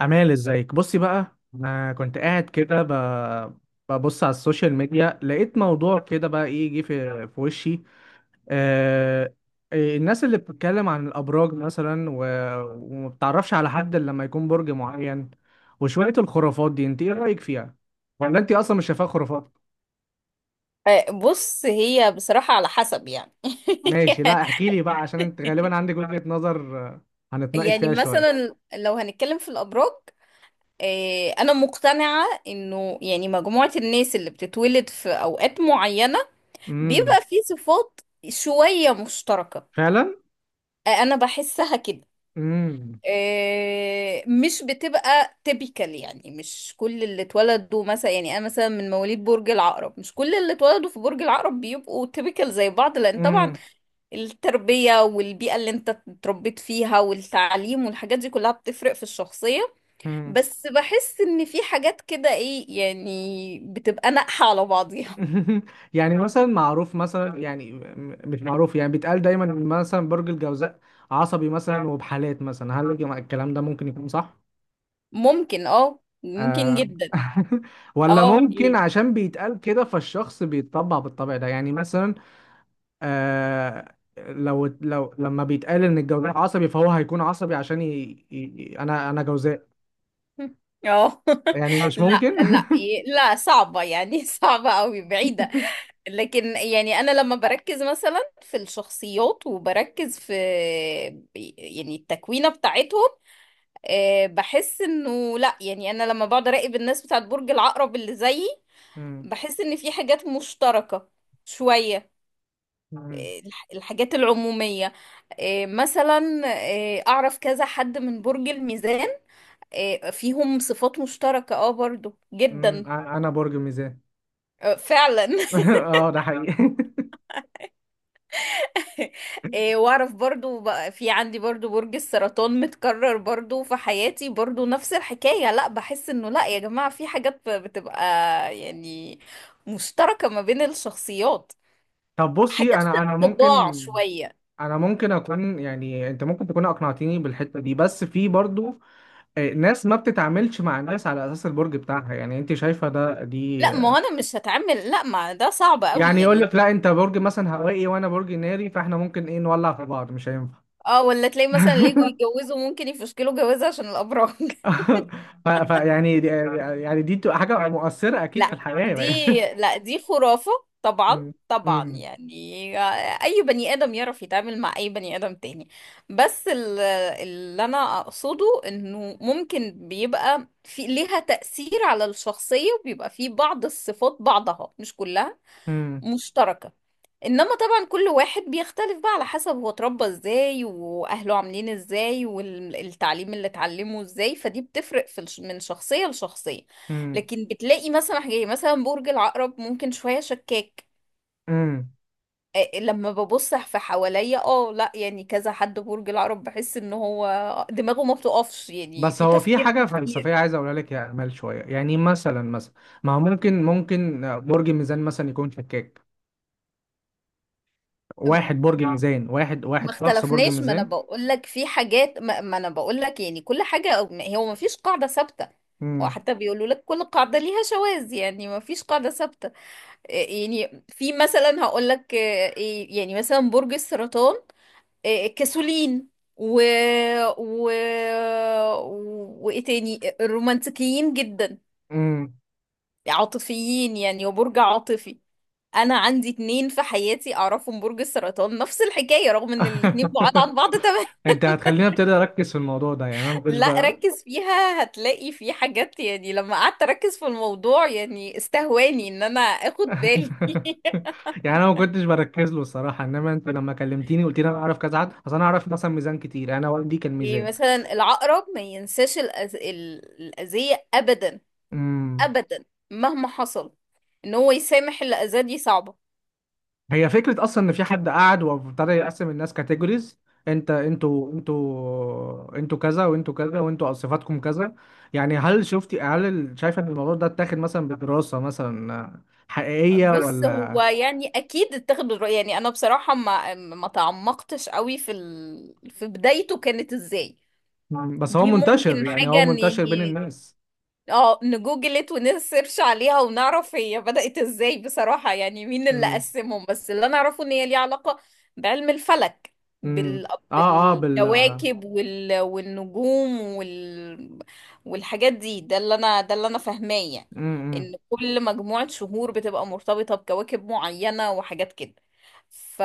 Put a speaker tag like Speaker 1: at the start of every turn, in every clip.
Speaker 1: أمال، ازيك؟ بصي بقى. أنا كنت قاعد كده ببص على السوشيال ميديا، لقيت موضوع كده بقى إيه جه في وشي. آه... إيه، الناس اللي بتتكلم عن الأبراج مثلا و... وما بتعرفش على حد إلا لما يكون برج معين، وشوية الخرافات دي أنت إيه رأيك فيها؟ ولا أنت أصلا مش شايفاها خرافات؟
Speaker 2: آه، بص، هي بصراحة على حسب يعني.
Speaker 1: ماشي، لا احكي لي بقى عشان أنت غالبا عندك وجهة نظر، هنتناقش
Speaker 2: يعني
Speaker 1: فيها شوية.
Speaker 2: مثلا لو هنتكلم في الأبراج، آه، أنا مقتنعة إنه يعني مجموعة الناس اللي بتتولد في أوقات معينة
Speaker 1: امم.
Speaker 2: بيبقى في صفات شوية مشتركة.
Speaker 1: فعلا.
Speaker 2: آه، أنا بحسها كده.
Speaker 1: امم.
Speaker 2: آه، مش بتبقى تيبيكال، يعني مش كل اللي اتولدوا مثلا، يعني أنا مثلا من مواليد برج العقرب، مش كل اللي اتولدوا في برج العقرب بيبقوا تيبيكال زي بعض، لأن طبعا
Speaker 1: امم.
Speaker 2: التربية والبيئة اللي انت اتربيت فيها والتعليم والحاجات دي كلها بتفرق في الشخصية.
Speaker 1: امم.
Speaker 2: بس بحس ان في حاجات كده، ايه يعني، بتبقى ناقحة على بعضيها.
Speaker 1: يعني مثلا معروف مثلا، يعني مش معروف، يعني بيتقال دايما إن مثلا برج الجوزاء عصبي مثلا، وبحالات مثلا هل الكلام ده ممكن يكون صح؟
Speaker 2: ممكن، ممكن
Speaker 1: آه.
Speaker 2: جدا.
Speaker 1: ولا
Speaker 2: اه،
Speaker 1: ممكن
Speaker 2: ايه.
Speaker 1: عشان بيتقال كده فالشخص بيتطبع بالطبع ده، يعني مثلا آه لو لو لما بيتقال ان الجوزاء عصبي فهو هيكون عصبي عشان انا جوزاء.
Speaker 2: اه.
Speaker 1: يعني مش
Speaker 2: لا
Speaker 1: ممكن.
Speaker 2: لا، إيه، لا صعبة يعني. صعبة قوي، بعيدة. لكن يعني انا لما بركز مثلا في الشخصيات وبركز في يعني التكوينة بتاعتهم، آه، بحس انه لا، يعني انا لما بقعد اراقب الناس بتاعت برج العقرب اللي زيي،
Speaker 1: مم.
Speaker 2: بحس ان في حاجات مشتركة شوية.
Speaker 1: مم.
Speaker 2: آه، الحاجات العمومية. آه، مثلا، آه، اعرف كذا حد من برج الميزان، آه، فيهم صفات مشتركة اه برضو
Speaker 1: مم.
Speaker 2: جدا.
Speaker 1: انا برج ميزان.
Speaker 2: آه، فعلا.
Speaker 1: اه، ده حقيقي.
Speaker 2: إيه، واعرف برضو بقى، في عندي برضو برج السرطان متكرر برضو في حياتي، برضو نفس الحكاية. لا بحس انه لا يا جماعة، في حاجات بتبقى يعني مشتركة ما بين الشخصيات،
Speaker 1: طب بصي،
Speaker 2: حاجات في الطباع شوية.
Speaker 1: انا ممكن اكون، يعني انت ممكن تكون اقنعتيني بالحته دي، بس في برضو ناس ما بتتعاملش مع الناس على اساس البرج بتاعها، يعني انت شايفه ده دي.
Speaker 2: لا ما هو انا مش هتعمل، لا ما ده صعب قوي
Speaker 1: يعني يقول
Speaker 2: يعني.
Speaker 1: لك لا انت برج مثلا هوائي وانا برج ناري، فاحنا ممكن ايه نولع في بعض، مش هينفع.
Speaker 2: اه، ولا تلاقي مثلا ليجو يتجوزوا ممكن يفشكلوا جوازة عشان الابراج.
Speaker 1: ف ف- يعني دي- يعني دي بتبقى حاجه مؤثره اكيد في
Speaker 2: لا
Speaker 1: الحياه،
Speaker 2: دي،
Speaker 1: يعني.
Speaker 2: لا دي خرافة. طبعا
Speaker 1: م-
Speaker 2: طبعا
Speaker 1: م-
Speaker 2: يعني، اي بني ادم يعرف يتعامل مع اي بني ادم تاني. بس اللي انا اقصده انه ممكن بيبقى في ليها تأثير على الشخصية، وبيبقى في بعض الصفات، بعضها مش كلها
Speaker 1: م-
Speaker 2: مشتركة. انما طبعا كل واحد بيختلف بقى على حسب هو اتربى ازاي، واهله عاملين ازاي، والتعليم اللي اتعلمه ازاي، فدي بتفرق من شخصية لشخصية.
Speaker 1: م-
Speaker 2: لكن بتلاقي مثلا حاجة، مثلا برج العقرب ممكن شوية شكاك.
Speaker 1: م.
Speaker 2: آه، لما ببص في حواليا، لا يعني كذا حد برج العقرب بحس ان هو دماغه ما بتقفش يعني،
Speaker 1: بس
Speaker 2: في
Speaker 1: هو في
Speaker 2: تفكير
Speaker 1: حاجة
Speaker 2: كتير.
Speaker 1: فلسفية عايز أقولها لك يا أمال شوية. يعني مثلا ما هو ممكن برج ميزان مثلا يكون شكاك، واحد برج ميزان، واحد
Speaker 2: ما
Speaker 1: واحد شخص برج
Speaker 2: اختلفناش، ما انا
Speaker 1: ميزان.
Speaker 2: بقول لك في حاجات، ما انا بقول لك يعني كل حاجه، هو ما فيش قاعده ثابته.
Speaker 1: امم.
Speaker 2: وحتى بيقولوا لك كل قاعده ليها شواذ، يعني ما فيش قاعده ثابته. إيه يعني، في مثلا هقول لك إيه يعني مثلا برج السرطان، إيه كسولين، و و وايه تاني الرومانسيين جدا،
Speaker 1: امم.
Speaker 2: عاطفيين، يعني وبرج عاطفي. انا عندي اتنين في حياتي اعرفهم برج السرطان، نفس الحكايه، رغم ان الاتنين بعاد عن بعض تماما.
Speaker 1: أنت هتخليني أبتدي أركز في الموضوع ده، يعني أنا ما كنتش
Speaker 2: لا
Speaker 1: بقى.
Speaker 2: ركز فيها هتلاقي في حاجات، يعني لما قعدت اركز في الموضوع يعني استهواني ان انا اخد بالي.
Speaker 1: يعني أنا ما كنتش بركز له الصراحة، إنما أنت لما كلمتيني قلت لي أنا أعرف كذا حد، أصل أنا أعرف مثلا ميزان كتير، أنا والدي كان
Speaker 2: يعني
Speaker 1: ميزان.
Speaker 2: مثلا العقرب ما ينساش الأذية ابدا
Speaker 1: امم.
Speaker 2: ابدا، مهما حصل، ان هو يسامح اللي اذاه دي صعبة.
Speaker 1: هي فكرة أصلا إن في حد قعد وابتدى يقسم الناس كاتيجوريز. أنتوا كذا، وأنتوا كذا، وأنتوا صفاتكم كذا. يعني هل شفتي هل ال- شايفة إن الموضوع ده اتاخد مثلا بدراسة مثلا حقيقية
Speaker 2: بص هو
Speaker 1: ولا؟
Speaker 2: يعني اكيد اتخذ الرأي، يعني انا بصراحة ما تعمقتش قوي في بدايته كانت ازاي.
Speaker 1: مم. بس هو
Speaker 2: دي
Speaker 1: منتشر،
Speaker 2: ممكن
Speaker 1: يعني
Speaker 2: حاجة
Speaker 1: هو منتشر بين
Speaker 2: يعني.
Speaker 1: الناس.
Speaker 2: اه نجوجلت ونسيرش عليها ونعرف هي بدأت ازاي بصراحة، يعني مين اللي
Speaker 1: امم.
Speaker 2: قسمهم، بس اللي انا اعرفه ان هي ليها علاقة بعلم الفلك،
Speaker 1: امم.
Speaker 2: بال...
Speaker 1: اه. اه.
Speaker 2: بالكواكب والنجوم والحاجات دي، ده اللي انا فاهماه يعني،
Speaker 1: امم.
Speaker 2: ان كل مجموعة شهور بتبقى مرتبطة بكواكب معينة وحاجات كده. ف...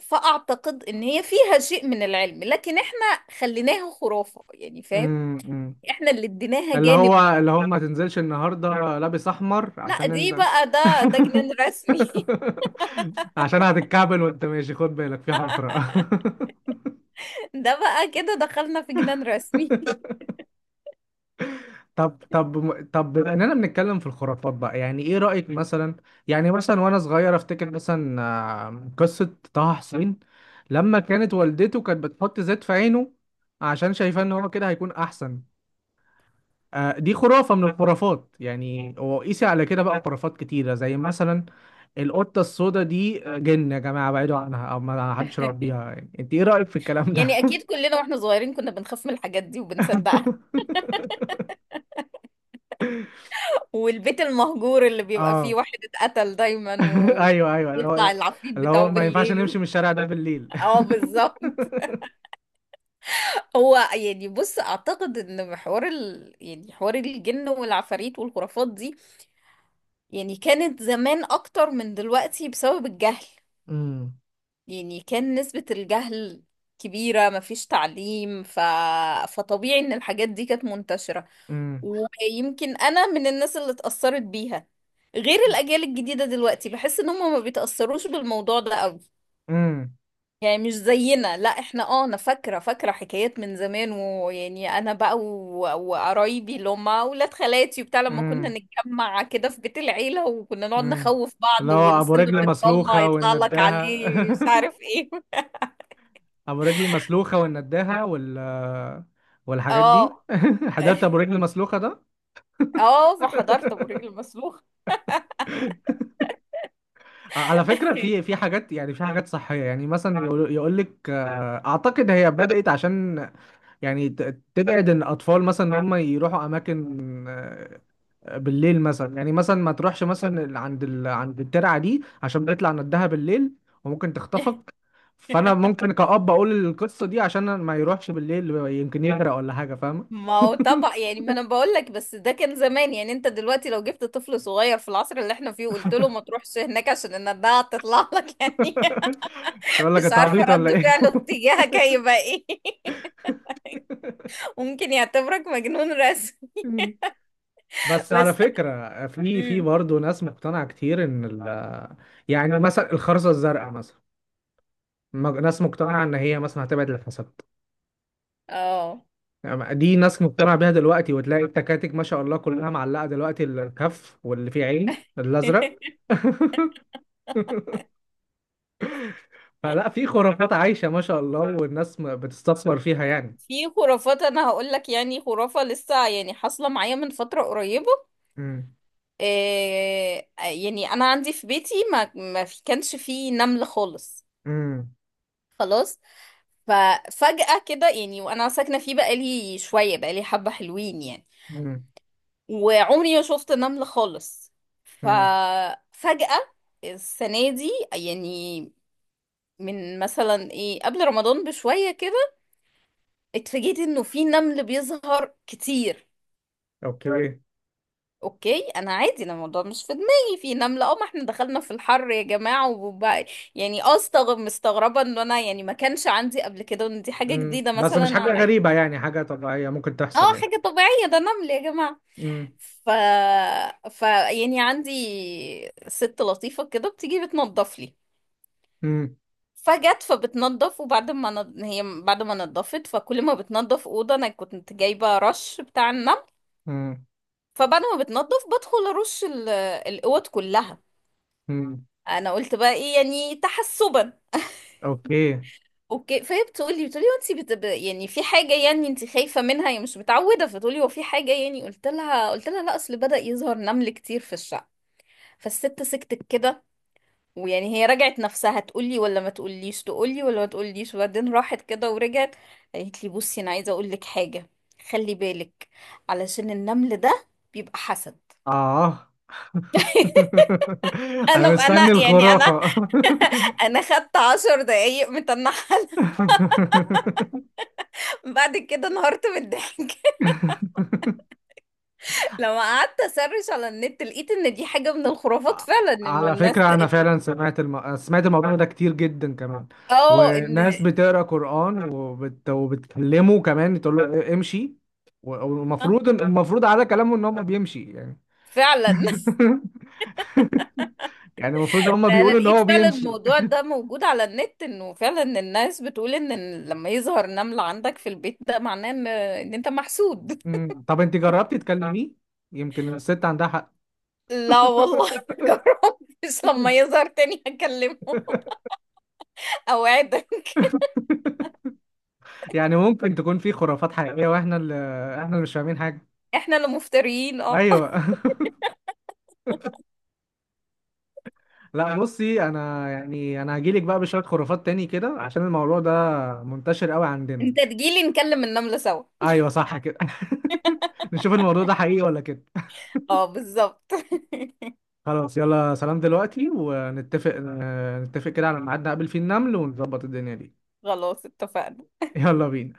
Speaker 2: فأعتقد ان هي فيها شيء من العلم لكن احنا خليناها خرافة، يعني فاهم،
Speaker 1: امم.
Speaker 2: احنا اللي اديناها
Speaker 1: اللي
Speaker 2: جانب.
Speaker 1: هو اللي هو ما تنزلش النهارده لابس احمر
Speaker 2: لا
Speaker 1: عشان
Speaker 2: دي
Speaker 1: انت.
Speaker 2: بقى ده جنان رسمي.
Speaker 1: عشان هتتكعبل وانت ماشي، خد بالك في حفرة.
Speaker 2: ده بقى كده دخلنا في جنان رسمي.
Speaker 1: طب، بما اننا بنتكلم في الخرافات بقى، يعني ايه رأيك مثلا؟ يعني مثلا، وانا صغير افتكر مثلا قصة طه حسين، لما كانت والدته كانت بتحط زيت في عينه عشان شايفاه ان هو كده هيكون احسن. دي خرافة من الخرافات، يعني وقيسي على كده بقى خرافات كتيرة زي مثلا القطة السوداء دي. جن يا جماعة، بعيدوا عنها أو ما حدش يربيها. يعني أنت إيه رأيك في الكلام
Speaker 2: يعني
Speaker 1: ده؟
Speaker 2: اكيد كلنا واحنا صغيرين كنا بنخاف من الحاجات دي وبنصدقها، والبيت المهجور اللي بيبقى فيه
Speaker 1: آه.
Speaker 2: واحد اتقتل دايما
Speaker 1: أيوه، أيوه. اللي هو
Speaker 2: ويطلع
Speaker 1: إيه؟
Speaker 2: العفريت
Speaker 1: اللي
Speaker 2: بتاعه
Speaker 1: هو ما ينفعش
Speaker 2: بالليل.
Speaker 1: نمشي من الشارع ده بالليل.
Speaker 2: اه بالظبط. هو يعني بص اعتقد ان يعني حوار الجن والعفاريت والخرافات دي، يعني كانت زمان اكتر من دلوقتي بسبب الجهل،
Speaker 1: امم.
Speaker 2: يعني كان نسبة الجهل كبيرة، مفيش تعليم، فطبيعي ان الحاجات دي كانت منتشرة.
Speaker 1: امم.
Speaker 2: ويمكن انا من الناس اللي اتأثرت بيها، غير الاجيال الجديدة دلوقتي بحس ان هم ما بيتأثروش بالموضوع ده قوي،
Speaker 1: امم.
Speaker 2: يعني مش زينا. لا احنا، انا فاكرة فاكرة حكايات من زمان، ويعني انا بقى وقرايبي اللي هم اولاد خالاتي وبتاع، لما كنا
Speaker 1: امم.
Speaker 2: نتجمع كده في بيت العيلة وكنا نقعد
Speaker 1: امم.
Speaker 2: نخوف
Speaker 1: اللي
Speaker 2: بعض،
Speaker 1: هو أبو
Speaker 2: والسلم
Speaker 1: رجل
Speaker 2: بيتطلع
Speaker 1: مسلوخة
Speaker 2: يطلع لك
Speaker 1: والنداهة.
Speaker 2: عليه مش عارف ايه.
Speaker 1: ابو رجل مسلوخه والنداهه والحاجات
Speaker 2: اه.
Speaker 1: دي. حضرت ابو رجل مسلوخه ده؟
Speaker 2: اه فحضرت ابو رجل مسلوخ.
Speaker 1: على فكره، في حاجات يعني، في حاجات صحيه يعني. مثلا يقول لك، اعتقد هي بدات عشان يعني تبعد ان الاطفال مثلا ان هم يروحوا اماكن بالليل مثلا. يعني مثلا ما تروحش مثلا عند عند الترعه دي عشان بيطلع ندها بالليل وممكن تخطفك. فانا ممكن كأب اقول القصه دي عشان ما يروحش بالليل، يمكن يغرق ولا حاجه، فاهمه؟
Speaker 2: ما هو طبعا يعني، ما انا بقول لك، بس ده كان زمان. يعني انت دلوقتي لو جبت طفل صغير في العصر اللي احنا فيه وقلت له ما تروحش هناك عشان النداعة تطلع لك، يعني
Speaker 1: يقول لك
Speaker 2: مش
Speaker 1: انت
Speaker 2: عارفة
Speaker 1: عبيط ولا
Speaker 2: رد
Speaker 1: ايه.
Speaker 2: فعله تجاهك هيبقى ايه. ممكن يعتبرك مجنون رسم.
Speaker 1: بس على
Speaker 2: بس،
Speaker 1: فكرة، في
Speaker 2: امم
Speaker 1: برضه ناس مقتنعة كتير ان ال يعني مثلا الخرزة الزرقاء مثلا، ناس مقتنعة ان هي مثلا هتبعد الحسد.
Speaker 2: اه
Speaker 1: يعني دي ناس مقتنعة بيها دلوقتي، وتلاقي التكاتك ما شاء الله كلها معلقة دلوقتي الكف واللي فيه عين الازرق. فلا، في خرافات عايشة ما شاء الله، والناس بتستثمر فيها يعني.
Speaker 2: في خرافات انا هقول لك يعني، خرافة لسه يعني حاصلة معايا من فترة قريبة.
Speaker 1: امم.
Speaker 2: آه، يعني انا عندي في بيتي ما في كانش فيه نمل خالص،
Speaker 1: امم.
Speaker 2: خلاص. ففجأة كده يعني وانا ساكنة فيه بقالي شوية، بقالي حبة حلوين يعني، وعمري ما شفت نمل خالص.
Speaker 1: امم.
Speaker 2: ففجأة السنة دي، يعني من مثلا ايه قبل رمضان بشوية كده، اتفاجئت انه في نمل بيظهر كتير.
Speaker 1: اوكي.
Speaker 2: اوكي، انا عادي، انا الموضوع مش في دماغي في نملة، ما احنا دخلنا في الحر يا جماعة وبقى يعني، مستغربة ان انا يعني ما كانش عندي قبل كده، وان دي حاجة
Speaker 1: امم،
Speaker 2: جديدة
Speaker 1: بس مش
Speaker 2: مثلا
Speaker 1: حاجة
Speaker 2: عليا.
Speaker 1: غريبة، يعني حاجة طبيعية ممكن تحصل
Speaker 2: اه،
Speaker 1: يعني.
Speaker 2: حاجة طبيعية، ده نمل يا جماعة.
Speaker 1: امم.
Speaker 2: ف... ف يعني عندي ست لطيفة كده بتيجي بتنضف لي،
Speaker 1: امم.
Speaker 2: فجت فبتنضف، وبعد ما ن... هي بعد ما نضفت، فكل ما بتنضف أوضة أنا كنت جايبة رش بتاع النمل،
Speaker 1: امم.
Speaker 2: فبعد ما بتنضف بدخل أرش الأوض كلها.
Speaker 1: امم.
Speaker 2: انا قلت بقى ايه يعني تحسبا.
Speaker 1: اوكي.
Speaker 2: اوكي، فهي بتقولي وانت يعني في حاجه يعني انت خايفه منها يعني مش متعوده، فتقولي هو في حاجه؟ يعني قلت لها لا اصل بدأ يظهر نمل كتير في الشقه. فالست سكتت كده، ويعني هي رجعت نفسها تقولي ولا ما تقوليش، تقولي ولا ما تقوليش، وبعدين راحت كده ورجعت، قالت لي بصي انا عايزه اقول لك حاجه، خلي بالك، علشان النمل ده بيبقى حسد.
Speaker 1: اه.
Speaker 2: انا
Speaker 1: انا
Speaker 2: انا
Speaker 1: مستني
Speaker 2: يعني انا
Speaker 1: الخرافة.
Speaker 2: انا خدت 10 دقايق متنحله، بعد كده انهارت من الضحك. لما قعدت اسرش على النت لقيت ان دي حاجة من الخرافات فعلا، انه
Speaker 1: على
Speaker 2: الناس.
Speaker 1: فكرة أنا فعلا سمعت سمعت الموضوع ده كتير جدا كمان،
Speaker 2: اه ان.
Speaker 1: وناس بتقرأ قرآن وبتكلمه كمان، تقول له امشي.
Speaker 2: آه،
Speaker 1: والمفروض على كلامه إن هو بيمشي يعني.
Speaker 2: فعلا.
Speaker 1: يعني المفروض هما
Speaker 2: انا
Speaker 1: بيقولوا ان
Speaker 2: لقيت
Speaker 1: هو
Speaker 2: فعلا
Speaker 1: بيمشي.
Speaker 2: الموضوع ده موجود على النت، انه فعلا الناس بتقول ان لما يظهر نمل عندك في البيت ده معناه ان انت محسود.
Speaker 1: مم. طب انت جربتي تكلميه؟ يمكن الست عندها حق.
Speaker 2: لا والله، جربتش، لما يظهر تاني هكلمه. اوعدك.
Speaker 1: يعني ممكن تكون في خرافات حقيقية، واحنا اللي مش فاهمين حاجة.
Speaker 2: احنا اللي مفتريين اه.
Speaker 1: ايوه. لا بصي، انا يعني انا هجيلك بقى بشوية خرافات تاني كده، عشان الموضوع ده منتشر قوي عندنا.
Speaker 2: انت تجيلي نكلم النملة سوا.
Speaker 1: ايوه، صح كده. نشوف الموضوع ده حقيقي ولا كده.
Speaker 2: اه بالظبط.
Speaker 1: خلاص يلا سلام، دلوقتي نتفق كده على ميعاد نقابل فيه النمل ونظبط الدنيا دي.
Speaker 2: خلاص اتفقنا.
Speaker 1: يلا بينا.